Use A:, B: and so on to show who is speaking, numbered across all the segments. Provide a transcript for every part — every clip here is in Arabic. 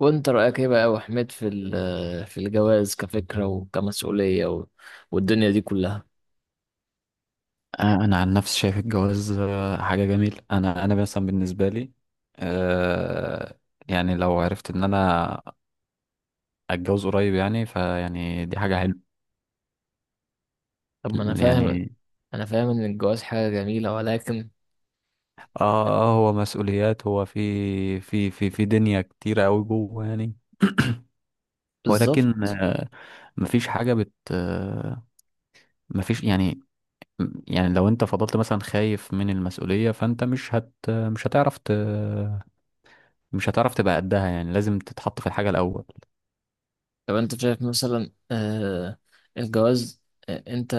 A: وانت رأيك ايه بقى يا أبو حميد في في الجواز كفكرة وكمسؤولية والدنيا دي كلها؟
B: انا عن نفسي شايف الجواز، حاجه جميله. انا مثلا بالنسبه لي آه، يعني لو عرفت ان انا اتجوز قريب يعني فيعني دي حاجه حلوه
A: طب، ما انا فاهم
B: يعني.
A: انا فاهم ان الجواز حاجة جميلة، ولكن.
B: اه هو مسؤوليات، هو في دنيا كتيره قوي جوه يعني. ولكن
A: بالظبط.
B: مفيش حاجه بت آه، مفيش يعني. يعني لو انت فضلت مثلا خايف من المسؤوليه، فانت مش هتعرف مش هتعرف تبقى قدها. يعني لازم تتحط في الحاجه الاول.
A: طب، انت شايف مثلا الجواز، انت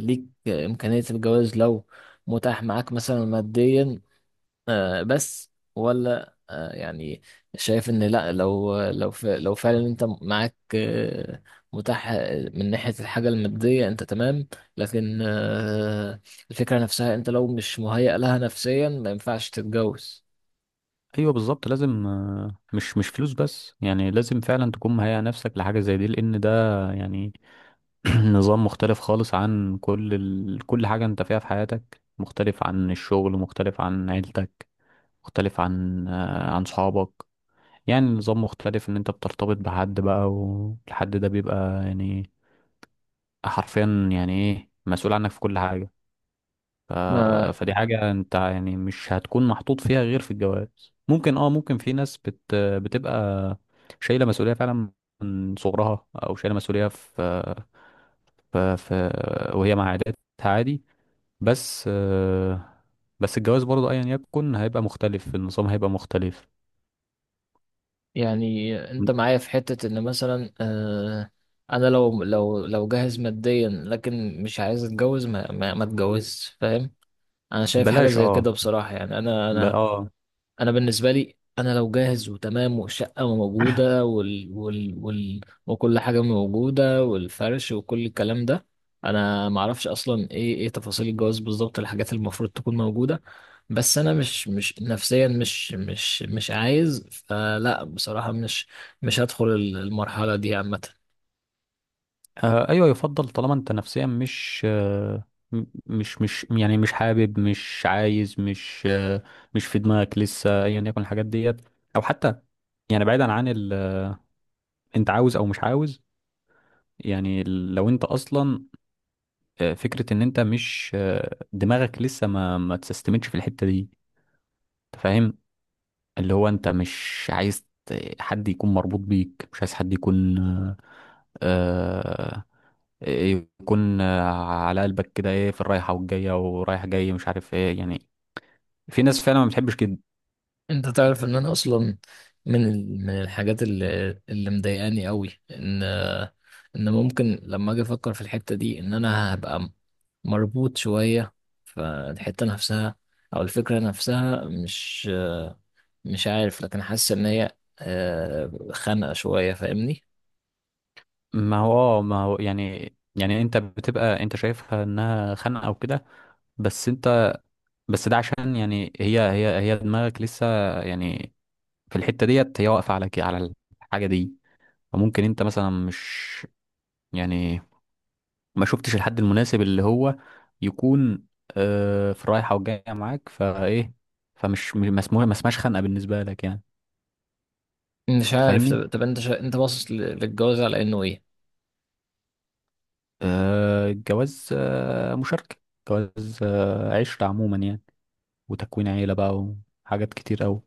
A: ليك امكانية الجواز لو متاح معاك مثلا ماديا بس، ولا يعني شايف ان لا؟ لو فعلا انت معاك متاح من ناحية الحاجة المادية انت تمام، لكن الفكرة نفسها، انت لو مش مهيأ لها نفسيا ما ينفعش تتجوز.
B: ايوه، بالظبط. لازم مش فلوس بس يعني، لازم فعلا تكون مهيئ نفسك لحاجه زي دي، لان ده يعني نظام مختلف خالص عن كل حاجه انت فيها في حياتك. مختلف عن الشغل، مختلف عن عيلتك، مختلف عن عن صحابك. يعني نظام مختلف، ان انت بترتبط بحد بقى، والحد ده بيبقى يعني حرفيا يعني ايه مسؤول عنك في كل حاجه. ف...
A: ما
B: فدي حاجة انت يعني مش هتكون محطوط فيها غير في الجواز. ممكن في ناس بتبقى شايلة مسؤولية فعلا من صغرها، او شايلة مسؤولية في... في... وهي مع عاداتها عادي. بس بس الجواز برضه ايا يكن هيبقى مختلف، النظام هيبقى مختلف.
A: يعني انت معايا في حتة ان مثلا انا لو جاهز ماديا، لكن مش عايز اتجوز، ما اتجوزش، فاهم؟ انا شايف حاجة
B: بلاش
A: زي
B: اه
A: كده بصراحة، يعني انا
B: ب...
A: انا
B: اه
A: انا بالنسبه لي، انا لو جاهز وتمام والشقه موجوده وكل حاجه موجوده والفرش وكل الكلام ده، انا ما اعرفش اصلا ايه تفاصيل الجواز بالظبط، الحاجات اللي المفروض تكون موجوده، بس انا مش نفسيا مش عايز، فلا بصراحه مش هدخل المرحله دي عامه.
B: ايوه، يفضل طالما انت نفسيا مش يعني مش حابب، مش عايز، مش في دماغك لسه ايا يكن الحاجات ديت. او حتى يعني بعيدا عن ال انت عاوز او مش عاوز. يعني لو انت اصلا فكره ان انت مش دماغك لسه ما تستمتش في الحته دي، انت فاهم؟ اللي هو انت مش عايز حد يكون مربوط بيك، مش عايز حد يكون آه، يكون، على قلبك كده. ايه، في الرايحه والجايه ورايح جاي مش عارف ايه يعني. في ناس فعلا ما بتحبش كده.
A: انت تعرف ان انا اصلا من الحاجات اللي مضايقاني قوي، ان ان ممكن لما اجي افكر في الحتة دي ان انا هبقى مربوط شوية، فالحتة نفسها او الفكرة نفسها، مش عارف، لكن حاسس ان هي خانقة شوية، فاهمني؟
B: ما هو اه، ما هو يعني، يعني انت بتبقى انت شايفها انها خانقه او كده، بس انت، بس ده عشان يعني هي دماغك لسه يعني في الحته ديت، هي واقفه على كده، على الحاجه دي. فممكن انت مثلا مش يعني ما شفتش الحد المناسب اللي هو يكون في الرايحة والجاية معاك فايه. فمش ما اسمهاش خنقة بالنسبة لك يعني.
A: مش
B: انت
A: عارف.
B: فاهمني؟
A: طب، انت باصص للجواز على انه ايه؟
B: الجواز، مشاركة، جواز، عشرة عموما يعني، وتكوين عيلة بقى، وحاجات كتير أوي.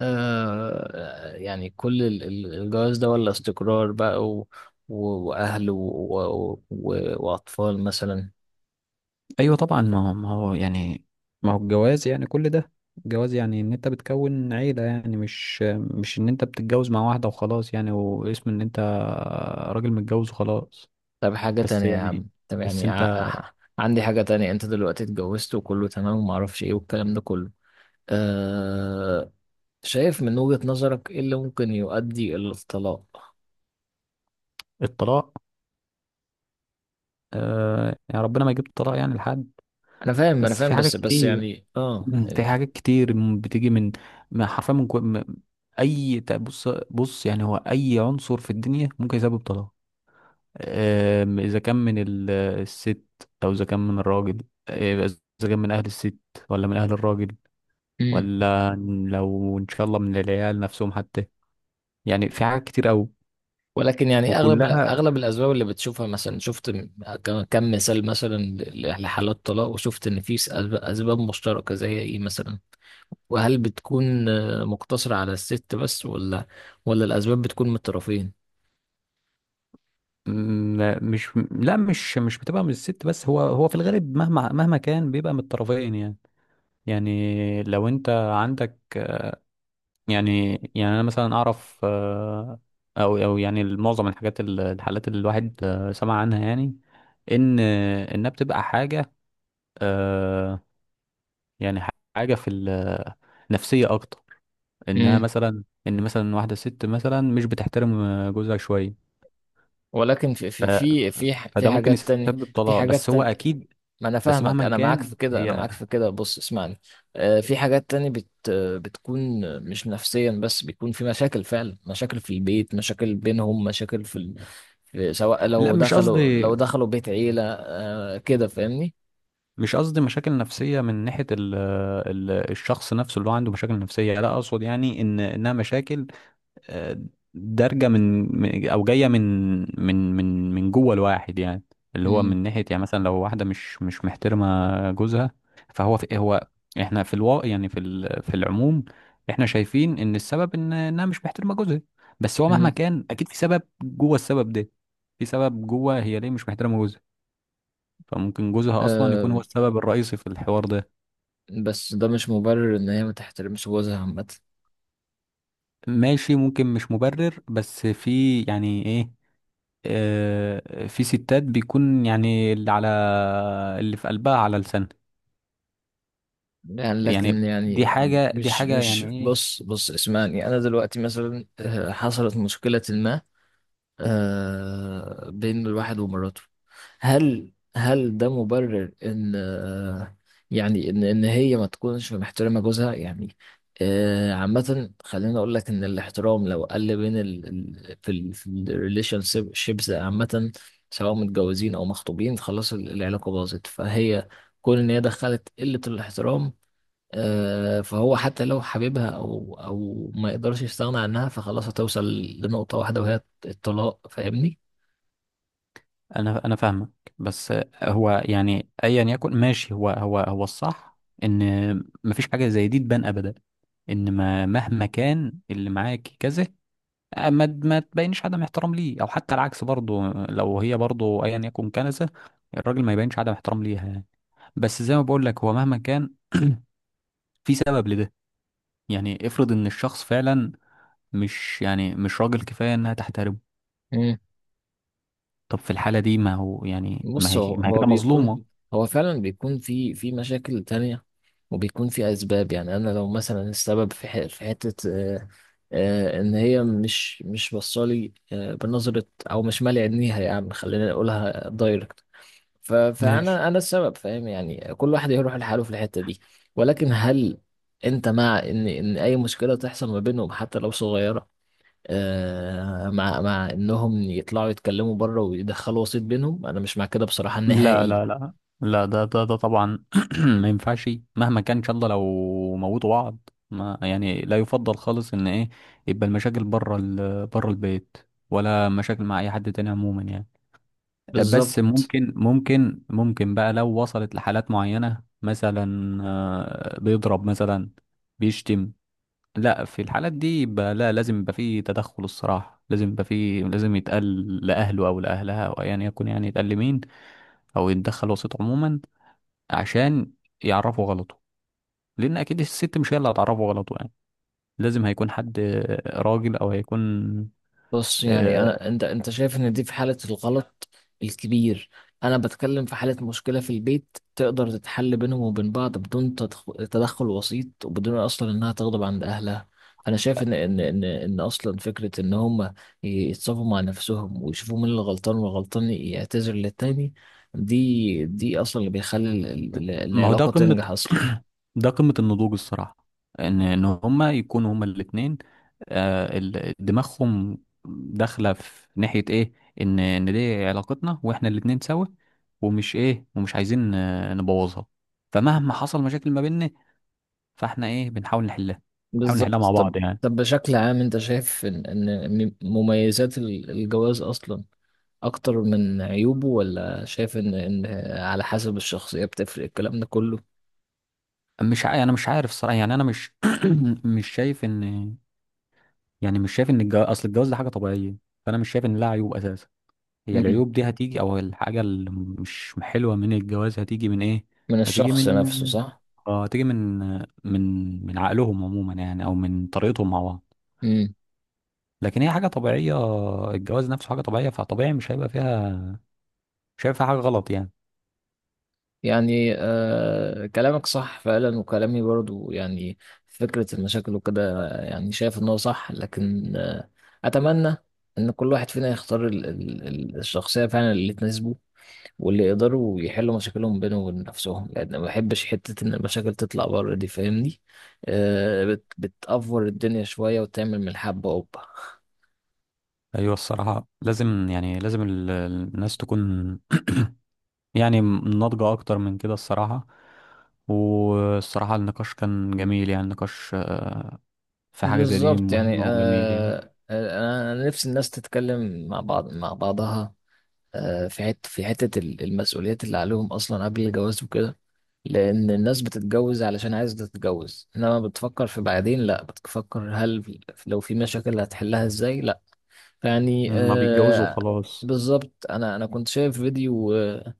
A: يعني كل الجواز ده، ولا استقرار بقى و... وأهل وأطفال مثلا؟
B: أيوة، طبعا. ما هو، ما هو يعني، ما هو الجواز يعني كل ده. الجواز يعني ان انت بتكون عيلة يعني، مش، مش ان انت بتتجوز مع واحدة وخلاص يعني، واسم ان انت راجل متجوز وخلاص.
A: طب، حاجة
B: بس
A: تانية يا
B: يعني،
A: عم، طب
B: بس
A: يعني
B: انت.
A: ع- عندي حاجة تانية. أنت دلوقتي اتجوزت وكله تمام ومعرفش إيه والكلام ده كله، أه... شايف من وجهة نظرك إيه اللي ممكن يؤدي إلى الطلاق؟
B: الطلاق، آه يعني ربنا ما يجيب الطلاق يعني لحد.
A: أنا فاهم أنا
B: بس في
A: فاهم،
B: حاجات
A: بس
B: كتير.
A: يعني
B: مم. في حاجات كتير بتيجي من حرفيا من كو... م- اي ت- بص بص. يعني هو اي عنصر في الدنيا ممكن يسبب طلاق. آه، اذا كان من الست، او اذا كان من الراجل، اذا كان من اهل الست، ولا من اهل الراجل، ولا لو ان شاء الله من العيال نفسهم حتى. يعني في حاجات كتير قوي.
A: ولكن يعني اغلب
B: وكلها
A: اغلب الاسباب اللي بتشوفها، مثلا شفت كم مثال مثلا لحالات طلاق، وشفت ان في أسباب مشتركه، زي ايه مثلا؟ وهل بتكون مقتصره على الست بس، ولا الاسباب بتكون من الطرفين؟
B: مش، لا مش بتبقى من الست بس. هو، هو في الغالب مهما كان بيبقى من الطرفين يعني. يعني لو انت عندك يعني، يعني انا مثلا اعرف او او يعني معظم الحاجات الحالات اللي الواحد سمع عنها يعني، ان انها بتبقى حاجة آه، يعني حاجة في النفسية اكتر. انها
A: امم.
B: مثلا ان مثلا واحدة ست مثلا مش بتحترم جوزها شوية.
A: ولكن في
B: ف-
A: في في في ح- في
B: فده ممكن
A: حاجات تانية
B: يسبب
A: في
B: طلاق. بس
A: حاجات
B: هو
A: تانية
B: اكيد،
A: ما انا
B: بس
A: فاهمك،
B: مهما
A: انا معاك
B: كان
A: في كده انا
B: هي.
A: معاك في كده بص اسمعني. في حاجات تانية بت آه، بتكون مش نفسيا بس، بيكون في مشاكل فعلا، مشاكل في البيت، مشاكل بينهم، مشاكل سواء
B: لا،
A: لو
B: مش
A: دخلوا
B: قصدي،
A: لو دخلوا بيت عيلة، آه كده، فاهمني؟
B: مش قصدي مشاكل نفسية من ناحية الشخص نفسه اللي هو عنده مشاكل نفسية. لا، أقصد يعني إن إنها مشاكل آه، دارجة من أو جاية من من جوه الواحد يعني. اللي هو
A: مم.
B: من ناحية يعني مثلا لو واحدة مش محترمة جوزها. فهو، في هو، إحنا في الواقع يعني في العموم إحنا شايفين إن السبب إن إنها مش محترمة جوزها. بس هو مهما
A: مم.
B: كان أكيد في سبب جوه السبب ده. في سبب جوه هي ليه مش محترمة جوزها. فممكن جوزها اصلا يكون
A: آه،
B: هو السبب الرئيسي في الحوار ده.
A: بس ده مش مبرر ان هي ما تحترمش جوزها عامة.
B: ماشي، ممكن مش مبرر بس في يعني ايه. في ستات بيكون يعني، اللي على، اللي في قلبها على لسانها
A: يعني
B: يعني.
A: لكن
B: دي
A: يعني
B: حاجة، دي
A: مش
B: حاجة
A: مش
B: يعني ايه.
A: بص بص اسمعني. انا دلوقتي مثلا حصلت مشكلة ما آه بين الواحد ومراته، هل ده مبرر ان يعني ان هي ما تكونش محترمه جوزها يعني؟ عامه، خليني اقول لك ان الاحترام لو قل بين ال ال- في ال في الريليشن شيبس عامه، سواء متجوزين او مخطوبين، خلاص العلاقه باظت، فهي كون ان هي دخلت قله الاحترام، فهو حتى لو حبيبها او ما يقدرش يستغنى عنها، فخلاص هتوصل لنقطه واحده وهي الطلاق، فاهمني؟
B: انا فاهمك. بس هو يعني ايا يكن ماشي، هو، هو الصح ان مفيش حاجة زي دي تبان ابدا. ان ما مهما كان اللي معاك كذا، ما تبينش عدم احترام ليه. او حتى العكس برضه، لو هي برضه ايا يكن كنسة، الراجل ما يبينش عدم احترام ليها يعني. بس زي ما بقول لك، هو مهما كان في سبب لده. يعني افرض ان الشخص فعلا مش، يعني مش راجل كفاية انها تحترمه. طب في الحالة دي، ما هو يعني، ما
A: بص،
B: هي،
A: هو
B: ما هي
A: هو
B: كده
A: بيكون،
B: مظلومة.
A: هو فعلا بيكون في مشاكل تانية، وبيكون في أسباب، يعني أنا لو مثلا السبب في في حتة إن هي مش بصالي بنظرة، أو مش مالي عينيها، يعني خلينا نقولها دايركت، ف-
B: ماشي.
A: فأنا أنا السبب، فاهم؟ يعني كل واحد يروح لحاله في الحتة دي. ولكن هل أنت مع إن أي مشكلة تحصل ما بينهم حتى لو صغيرة مع انهم يطلعوا يتكلموا بره ويدخلوا وسيط بينهم؟ انا مش مع كده بصراحة
B: لا
A: نهائي.
B: لا لا، لا ده طبعا ما ينفعش. مهما كان ان شاء الله لو موتوا بعض ما يعني، لا يفضل خالص ان ايه يبقى المشاكل بره، بره البيت، ولا مشاكل مع اي حد تاني عموما يعني. بس
A: بالظبط.
B: ممكن بقى لو وصلت لحالات معينة مثلا، بيضرب مثلا، بيشتم. لا، في الحالات دي يبقى لا، لازم يبقى فيه تدخل الصراحة. لازم يبقى فيه، لازم يتقال لأهله أو لأهلها أو أيا يكن يعني يتقال لمين. أو يتدخل وسيط عموما، عشان يعرفوا غلطه. لان اكيد الست مش هي اللي هتعرفه غلطه يعني. لازم هيكون حد راجل، او هيكون
A: بص، يعني
B: آه،
A: أنا، أنت شايف إن دي في حالة الغلط الكبير. أنا بتكلم في حالة مشكلة في البيت تقدر تتحل بينهم وبين بعض بدون تدخل وسيط، وبدون أصلا إنها تغضب عند أهلها. أنا شايف إن أصلا فكرة إن هما يتصافوا مع نفسهم ويشوفوا مين اللي غلطان، والغلطان يعتذر للتاني، دي أصلا اللي بيخلي
B: د- ما هو ده
A: العلاقة
B: قمة،
A: تنجح أصلا.
B: ده قمة النضوج الصراحة. ان ان هما يكونوا هما الاتنين، دماغهم داخلة في ناحية ايه. ان ان دي علاقتنا واحنا الاتنين سوا، ومش ايه، ومش عايزين نبوظها. فمهما حصل مشاكل ما بيننا، فاحنا ايه بنحاول نحلها. بنحاول نحلها مع
A: بالظبط. طب
B: بعض يعني.
A: طب بشكل عام، انت شايف ان مميزات الجواز اصلا اكتر من عيوبه، ولا شايف ان على حسب الشخصية بتفرق، الكلام ده كله؟
B: مش ع... انا مش عارف الصراحه يعني. انا مش مش شايف ان يعني، مش شايف ان اصل الجواز ده حاجه طبيعيه، فانا مش شايف ان لها عيوب اساسا. هي
A: مم.
B: العيوب دي هتيجي، او الحاجه اللي مش حلوه من الجواز، هتيجي من ايه؟
A: من
B: هتيجي
A: الشخص
B: من
A: نفسه، صح.
B: اه هتيجي من، من، من عقلهم عموما يعني، او من طريقتهم مع بعض.
A: مم.
B: لكن هي حاجه طبيعيه، الجواز نفسه حاجه طبيعيه، فطبيعي مش هيبقى فيها، مش هيبقى فيها حاجه غلط يعني.
A: يعني آه، كلامك صح فعلا، وكلامي برضو، يعني فكرة المشاكل وكده، يعني شايف ان هو صح، لكن اتمنى ان كل واحد فينا يختار الشخصية فعلا اللي تناسبه، واللي يقدروا يحلوا مشاكلهم بينهم وبين نفسهم، لان ما بحبش حته ان المشاكل تطلع بره دي، فاهمني؟ آه، بتأفور الدنيا شويه وتعمل من الحبه قبه.
B: ايوه الصراحه، لازم يعني لازم الناس تكون يعني ناضجة أكتر من كده الصراحة. والصراحة النقاش كان جميل يعني، النقاش في حاجة زي دي
A: بالظبط، يعني
B: مهمة وجميل يعني.
A: انا نفسي الناس تتكلم مع بعض، مع بعضها في في حته المسؤوليات اللي عليهم اصلا قبل الجواز وكده، لان الناس بتتجوز علشان عايزه تتجوز، انما بتفكر في بعدين، لا بتفكر هل لو في مشاكل هتحلها ازاي؟ يعني
B: ما بيتجوزوا
A: آه.
B: وخلاص.
A: بالظبط، انا كنت شايف فيديو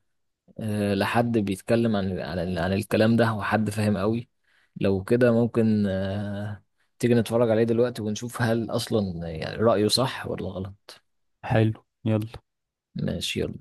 A: لحد بيتكلم عن الكلام ده، وحد فاهم قوي، لو كده ممكن تيجي نتفرج عليه دلوقتي ونشوف هل اصلا يعني رأيه صح ولا غلط.
B: حلو، يلا.
A: ماشي، يلا.